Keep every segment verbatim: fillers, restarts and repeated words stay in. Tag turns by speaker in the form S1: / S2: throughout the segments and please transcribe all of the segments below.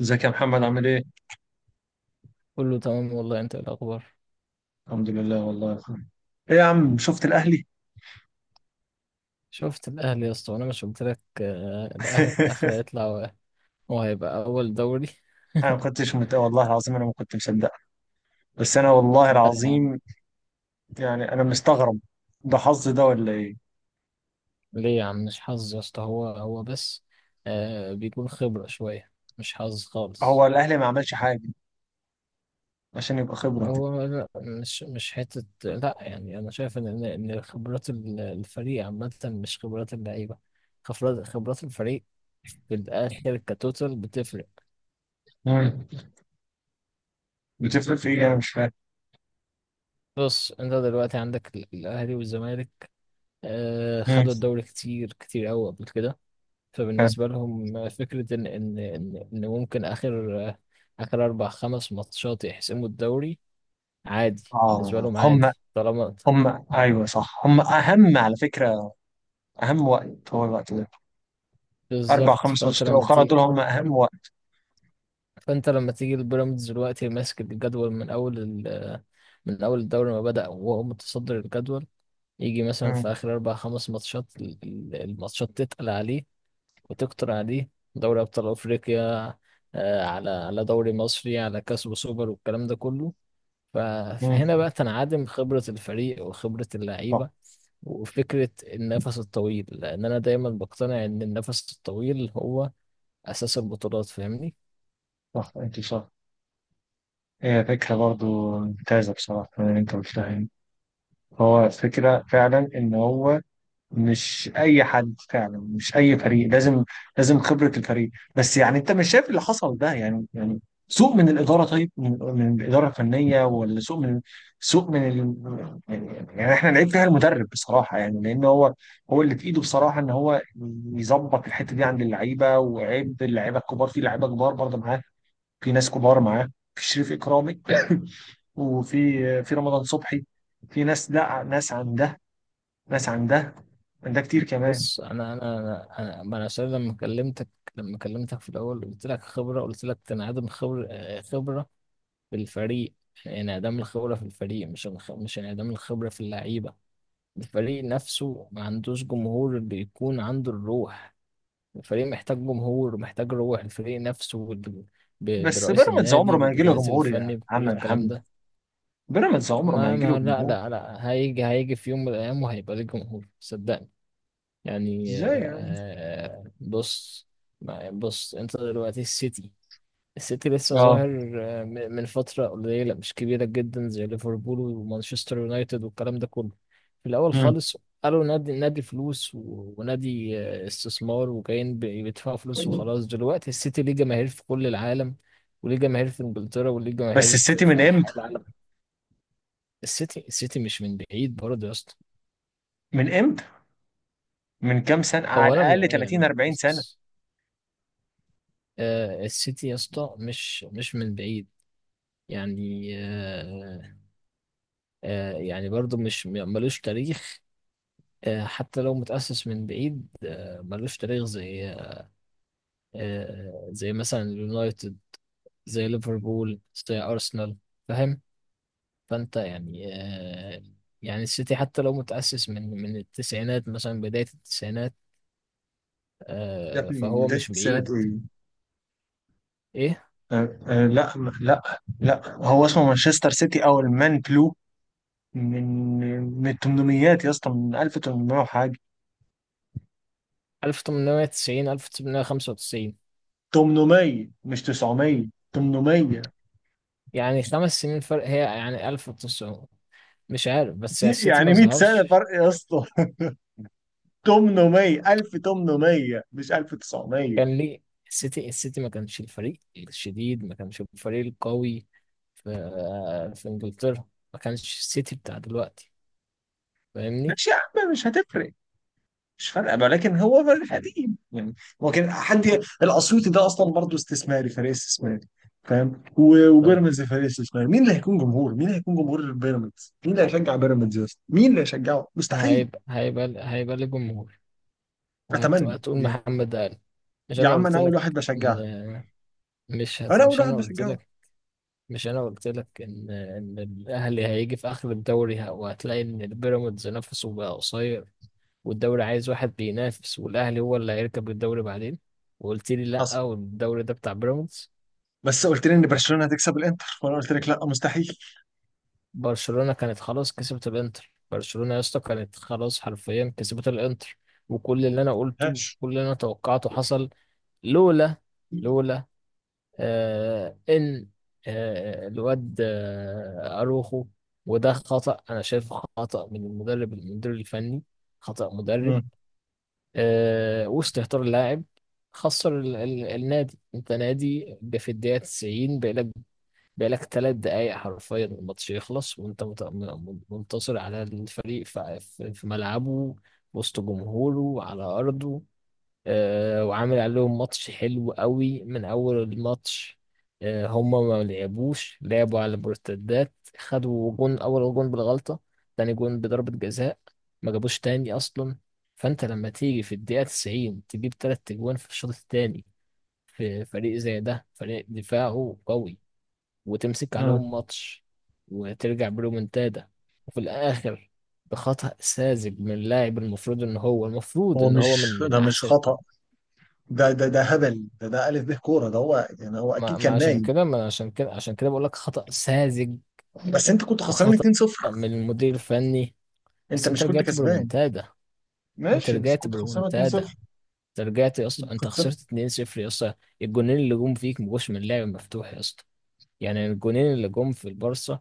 S1: ازيك يا محمد؟ عامل ايه؟
S2: كله تمام والله، انت ايه الاخبار؟
S1: الحمد لله والله يا اخويا. ايه يا عم، شفت الاهلي؟
S2: شفت الاهلي يا اسطى، وانا مش قلت لك آه، الاهلي في الاخر هيطلع و- هو هيبقى اول دوري.
S1: انا ما كنتش مت... والله العظيم انا ما كنت مصدق. بس انا والله
S2: لا يا عم.
S1: العظيم، يعني انا مستغرب. ده حظ ده ولا ايه؟
S2: ليه يا عم؟ مش حظ يا اسطى، هو هو بس آه بيكون خبرة شوية. مش حظ خالص.
S1: هو الاهلي ما عملش حاجه عشان يبقى خبره.
S2: هو لا، مش مش حتة لا، يعني أنا شايف إن إن إن خبرات ال- الفريق عامة، مش خبرات اللعيبة، خبرات خبرات الفريق. في الآخر كتوتال بتفرق.
S1: مم. بتفرق في ايه؟ انا مش فاهم.
S2: بص، أنت دلوقتي عندك ال- الأهلي والزمالك، آه،
S1: مم.
S2: خدوا الدوري كتير كتير قوي قبل كده.
S1: فاهم.
S2: فبالنسبة لهم آه، فكرة إن إن إن إن ممكن آخر آه، آخر أربع خمس ماتشات يحسموا الدوري عادي. بالنسبة
S1: اه،
S2: لهم عادي،
S1: هم.
S2: طالما.
S1: هم، ايوه صح، هم اهم على فكره، اهم وقت هو الوقت ده، اربع
S2: بالظبط.
S1: خمس
S2: فأنت
S1: ماتشات
S2: لما
S1: الاخرى
S2: تيجي
S1: دول هم اهم وقت.
S2: فأنت لما تيجي البيراميدز دلوقتي ماسك الجدول من أول ال... آه، من أول الدوري ما بدأ وهو متصدر الجدول، يجي مثلا
S1: مم.
S2: في آخر أربع خمس ماتشات، ال- ال- الماتشات تتقل عليه وتقطر عليه: دوري أبطال أفريقيا، آه، على على دوري مصري، على كاس وسوبر والكلام ده كله. ف- فهنا
S1: مم.
S2: بقى تنعدم خبرة الفريق وخبرة
S1: صح.
S2: اللعيبة وفكرة النفس الطويل، لأن أنا دايما بقتنع إن النفس الطويل هو أساس البطولات، فاهمني؟
S1: صح، انت صح. هي فكرة برضو ممتازة بصراحة من اللي أنت قلتها يعني. هو فكرة فعلا إن هو مش أي حد، فعلا مش أي فريق لازم لازم خبرة الفريق. بس يعني أنت مش شايف اللي حصل ده؟ يعني يعني سوء من الإدارة، طيب من, من الإدارة الفنية، ولا سوء من سوء من ال... يعني يعني إحنا نعيب فيها المدرب بصراحة يعني، لأن هو هو اللي في إيده بصراحة إن هو يظبط الحتة دي عند اللعيبة. وعيب اللعيبة الكبار، في لعيبة كبار برضه معاه، في ناس كبار معاه، في شريف إكرامي وفي، في رمضان صبحي، في ناس ده، ناس عن ده، ناس عن ده، عن ده كتير كمان.
S2: بص، أنا أنا أنا أنا ما أنا عشان لما كلمتك، لما كلمتك في الأول قلت لك خبرة، قلت لك تنعدم خبر آه، خبرة بالفريق. انعدام الخبرة في الفريق، مش الخ- مش انعدام الخبرة في اللعيبة. الفريق نفسه ما عندوش جمهور، بيكون عنده الروح. الفريق محتاج جمهور، محتاج روح، الفريق نفسه ب- ب-
S1: بس
S2: برئيس
S1: بيراميدز عمره
S2: النادي،
S1: ما هيجي له
S2: بالجهاز
S1: جمهور يا
S2: الفني،
S1: عم
S2: بكل الكلام
S1: محمد،
S2: ده.
S1: بيراميدز عمره ما
S2: ما
S1: هيجي له
S2: ما لا
S1: جمهور.
S2: لا لا، هيجي هيجي في يوم من الأيام وهيبقى ليه جمهور، صدقني. يعني آه،
S1: ازاي يا عم؟
S2: آه، بص. ما- بص، انت دلوقتي السيتي، السيتي لسه
S1: اه.
S2: ظاهر آه، م- من فترة قليلة مش كبيرة جدا زي ليفربول ومانشستر يونايتد والكلام ده كله. في الأول
S1: مم.
S2: خالص قالوا نادي نادي فلوس، و- ونادي آه، استثمار، وجايين ب- بيدفعوا فلوس وخلاص. دلوقتي السيتي ليه جماهير في كل العالم، وليه جماهير في إنجلترا، وليه
S1: بس
S2: جماهير
S1: السيتي
S2: في,
S1: من
S2: في
S1: امتى؟
S2: أنحاء العالم. السيتي السيتي مش من بعيد برضه يا اسطى.
S1: من امتى؟ من كام سنه؟ على
S2: هو أنا
S1: الاقل
S2: م-
S1: ثلاثين
S2: يعني
S1: أربعين سنه.
S2: بص، آه، السيتي يا اسطى مش مش من بعيد. يعني آه، آه، يعني برضه مش ملوش تاريخ. آه، حتى لو متأسس من بعيد آه، ملوش تاريخ زي آه، زي مثلا اليونايتد، زي ليفربول، زي أرسنال، فاهم؟ فأنت يعني آه، يعني السيتي حتى لو متأسس من من التسعينات، مثلا بداية التسعينات،
S1: يا
S2: آه،
S1: ابني،
S2: فهو
S1: بداية
S2: مش
S1: السنوات
S2: بعيد.
S1: ايه؟
S2: إيه.
S1: آه آه لا، م- لا لا، هو اسمه مانشستر سيتي او المان بلو، من من الثمانينيات يا اسطى، من ألف وتمنمية وحاجه.
S2: ألف وتمنمية وتسعين ألف وتمنمية وخمسة وتسعين
S1: تمنمية مش تسعمية، تمنمية.
S2: يعني خمس سنين فرق، هي يعني ألف وتسعمائة مش عارف، بس السيتي ما
S1: يعني مية سنة
S2: ظهرش.
S1: فرق يا اسطى. تمنمية، ألف وثمانمائة مش ألف وتسعمائة.
S2: كان ليه السيتي، السيتي ما كانش الفريق الشديد، ما كانش الفريق القوي في في انجلترا، ما كانش السيتي بتاع دلوقتي، فاهمني؟
S1: ماشي يا عم، مش هتفرق، مش فارقة بقى، لكن هو فرق قديم يعني. هو كان حد. الأسيوطي ده أصلا برضه استثماري، فريق استثماري، فاهم. و-
S2: طب،
S1: وبيراميدز فريق استثماري، مين اللي هيكون جمهور؟ مين اللي هيكون جمهور بيراميدز؟ مين اللي هيشجع بيراميدز يا اسطى؟ مين اللي هيشجعه؟ مستحيل.
S2: هيبقى هيبقى هيبقى ليه جمهور، وهت-
S1: أتمنى
S2: وهتقول
S1: يعني.
S2: محمد قال. مش
S1: يا
S2: انا
S1: عم،
S2: قلت
S1: أنا أول
S2: لك
S1: واحد بشجعها،
S2: ان مش هت...
S1: أنا أول
S2: مش انا
S1: واحد
S2: قلت
S1: بشجعها.
S2: لك، مش انا قلت لك ان ان الاهلي هيجي في اخر الدوري ه- وهتلاقي ان البيراميدز نفسه بقى قصير، والدوري عايز واحد بينافس، والاهلي هو اللي هيركب الدوري بعدين. وقلت لي
S1: حصل.
S2: لا، والدوري ده بتاع بيراميدز.
S1: بس قلت لي ان برشلونه هتكسب الانتر، وانا قلت لك لا، مستحيل.
S2: برشلونة كانت خلاص كسبت الانتر، برشلونة يا اسطى كانت خلاص حرفيا كسبت الانتر، وكل اللي انا قلته،
S1: مفيهاش.
S2: كل اللي انا توقعته حصل. لولا لولا آه ان آه الواد آه اروخو. وده خطأ، انا شايفه خطأ من المدرب المدير الفني، خطأ مدرب،
S1: مم.
S2: آه، وسط اهتار اللاعب. خسر ال ال النادي. انت نادي ب- في الدقيقة تسعين بقالك، بقالك ثلاث دقايق حرفيا الماتش يخلص، وانت مت- م- منتصر على الفريق في في- في ملعبه، وسط جمهوره، على أرضه. آه، وعامل عليهم ماتش حلو قوي من اول الماتش. آه، هما ما لعبوش، لعبوا على المرتدات. خدوا جون، اول جون بالغلطة، تاني جون بضربة جزاء، ما جابوش تاني اصلا. فانت لما تيجي في الدقيقة تسعين تجيب تلات اجوان في الشوط التاني، في فريق زي ده فريق دفاعه قوي، وتمسك
S1: مم.
S2: عليهم ماتش، وترجع برومنتادا، وفي الاخر بخطأ ساذج من لاعب، المفروض ان هو المفروض
S1: هو
S2: ان هو من
S1: مش،
S2: من
S1: ده مش
S2: احسن.
S1: خطأ، ده ده ده هبل، ده ده ألف به كورة، ده هو يعني، هو أكيد
S2: ما, ما
S1: كان
S2: عشان
S1: نايم.
S2: كده، ما أنا عشان كده عشان كده بقول لك خطأ ساذج،
S1: بس أنت كنت خسران
S2: وخطأ
S1: اتنين صفر.
S2: من المدير الفني.
S1: أنت
S2: بس انت
S1: مش كنت
S2: رجعت
S1: كسبان.
S2: بريمونتادا، انت
S1: ماشي بس
S2: رجعت
S1: كنت خسران
S2: بريمونتادا
S1: اتنين صفر،
S2: انت رجعت يا اسطى،
S1: كنت
S2: انت
S1: خسران.
S2: خسرت اتنين صفر يا اسطى. الجونين اللي جم فيك ما جوش من لعب مفتوح يا اسطى، يعني الجونين اللي جم في البارسا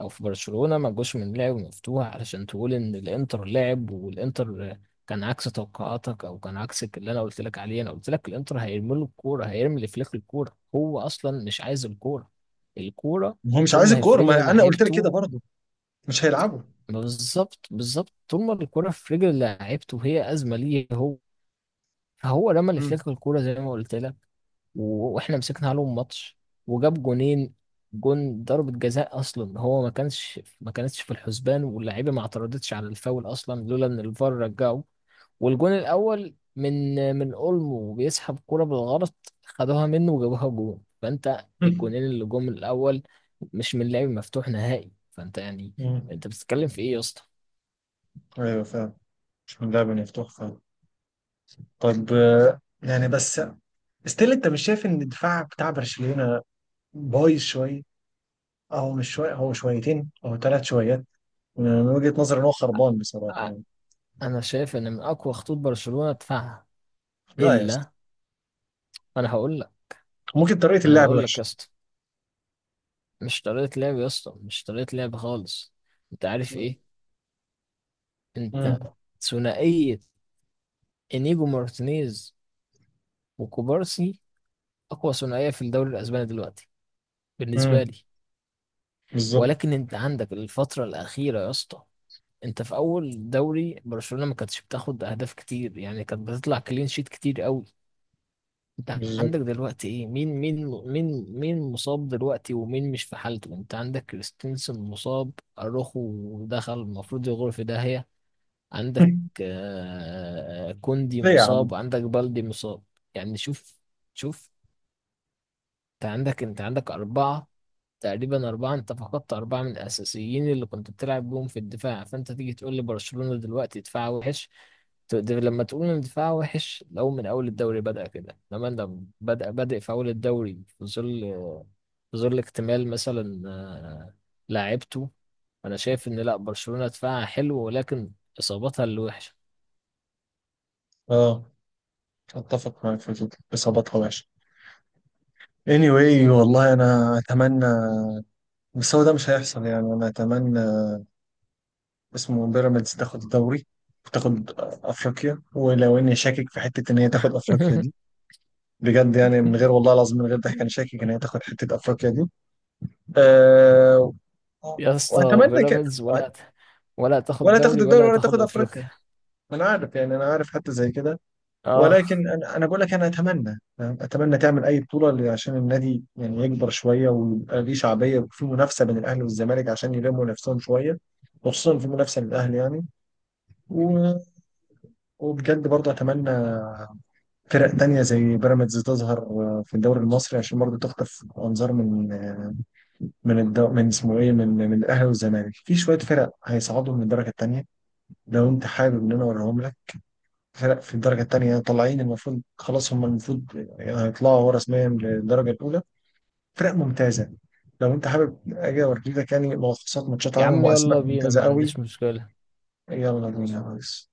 S2: او في برشلونة ما جوش من لعب مفتوح، علشان تقول ان الانتر لعب، والانتر كان عكس توقعاتك، او كان عكس اللي انا قلت لك عليه. انا قلت لك الانتر هيرمي له الكوره، هيرمي لفليك الكوره، هو اصلا مش عايز الكوره، الكوره،
S1: هو مش
S2: طول
S1: عايز
S2: ما هي في
S1: الكورة،
S2: رجل
S1: ما أنا قلت لك
S2: لعيبته.
S1: كده برضه، مش هيلعبوا.
S2: ما بالظبط بالظبط، طول ما الكوره في رجل لعيبته هي ازمه ليه هو. فهو رمى
S1: مم.
S2: لفليك الكوره زي ما قلت لك. و- واحنا مسكنا عليهم ماتش وجاب جونين. جون ضربة جزاء اصلا هو ما كانش ما كانتش في الحسبان، واللعيبه ما اعترضتش على الفاول اصلا، لولا ان الفار رجعه. والجون الاول من من اولمو، بيسحب كرة بالغلط، خدوها منه وجابوها جون. فانت
S1: مم.
S2: الجونين اللي جم الاول مش من لعب مفتوح نهائي، فانت يعني
S1: مم.
S2: انت بتتكلم في ايه يا اسطى؟
S1: أيوه فعلا، مش من لعبة مفتوح فعلا. طب، آه، يعني بس، ستيل أنت مش شايف إن الدفاع بتاع برشلونة بايظ شوية؟ اه، هو مش شوية، هو شويتين أو ثلاث شويات، من وجهة نظري إن هو خربان بصراحة
S2: أ-
S1: يعني.
S2: انا شايف ان من اقوى خطوط برشلونة دفاعها.
S1: لا يا اسطى،
S2: الا، انا هقول لك،
S1: ممكن طريقة
S2: ما انا
S1: اللعب
S2: هقول لك
S1: وحشة.
S2: يا اسطى، مش طريقة لعب يا اسطى، مش طريقة لعب خالص. انت عارف ايه؟ انت.
S1: امم
S2: ثنائية انيجو مارتينيز وكوبارسي، اقوى ثنائية في الدوري الاسباني دلوقتي بالنسبة
S1: امم
S2: لي.
S1: بالظبط،
S2: ولكن انت عندك الفترة الاخيرة يا اسطى، انت في اول دوري برشلونة ما كانتش بتاخد اهداف كتير، يعني كانت بتطلع كلين شيت كتير قوي. انت عندك
S1: بالظبط.
S2: دلوقتي ايه؟ مين مين مين مين مصاب دلوقتي ومين مش في حالته؟ انت عندك كريستنسن مصاب، اروخو دخل المفروض يغرف ده هي. عندك آه، كوندي
S1: ليه يا عم؟
S2: مصاب، وعندك بالدي مصاب. يعني شوف شوف، انت عندك انت عندك أربعة، تقريبا أربعة، انت فقدت أربعة من الأساسيين اللي كنت بتلعب بيهم في الدفاع، فانت تيجي تقول لي برشلونة دلوقتي دفاع وحش؟ ت- ده لما تقول ان دفاع وحش لو من أول الدوري بدأ كده، لما انت بدأ بادئ في أول الدوري، في ظل في ظل اكتمال مثلا آه، لاعيبته. أنا شايف إن لأ، برشلونة دفاعها حلو، ولكن إصاباتها اللي وحشة.
S1: اه، اتفق معاك في الفكرة، اصابتها وحشه. anyway والله انا اتمنى، بس هو ده مش هيحصل يعني. انا اتمنى اسمه بيراميدز تاخد الدوري وتاخد افريقيا، ولو اني شاكك في حته ان هي تاخد افريقيا دي، بجد يعني، من غير والله العظيم، من غير ضحك، انا شاكك ان هي تاخد حته افريقيا دي. أه. اه،
S2: يا اسطى
S1: واتمنى كده.
S2: بيراميدز ولا
S1: وأت-
S2: هت... ولا هتاخد
S1: ولا تاخد
S2: دوري
S1: الدوري
S2: ولا
S1: ولا
S2: هتاخد
S1: تاخد افريقيا،
S2: افريقيا.
S1: ما انا عارف يعني، انا عارف حتى زي كده.
S2: اه،
S1: ولكن انا انا بقول لك، انا اتمنى أنا اتمنى تعمل اي بطوله، ل- عشان النادي يعني يكبر شويه ويبقى ليه شعبيه، وفي منافسه بين الاهلي والزمالك عشان يلموا نفسهم شويه، وخصوصا في منافسه للاهلي يعني. و... وبجد برضه اتمنى فرق تانية زي بيراميدز تظهر، آه، في الدوري المصري، عشان برضه تخطف أنظار من، آه، من الدو... من اسمه إيه، من من الأهلي والزمالك. في شوية فرق هيصعدوا من الدرجة التانية، لو انت حابب ان انا اوريهم لك. فرق في الدرجه الثانيه طالعين، المفروض خلاص هم، المفروض يعني هيطلعوا هو رسميا للدرجه الاولى، فرق ممتازه. لو انت حابب اجي اوريك يعني ملخصات ماتشات
S2: يا
S1: عنهم
S2: عم
S1: واسماء
S2: يلا بينا،
S1: ممتازه
S2: ما
S1: قوي.
S2: عنديش مشكلة.
S1: يلا بينا يا ريس.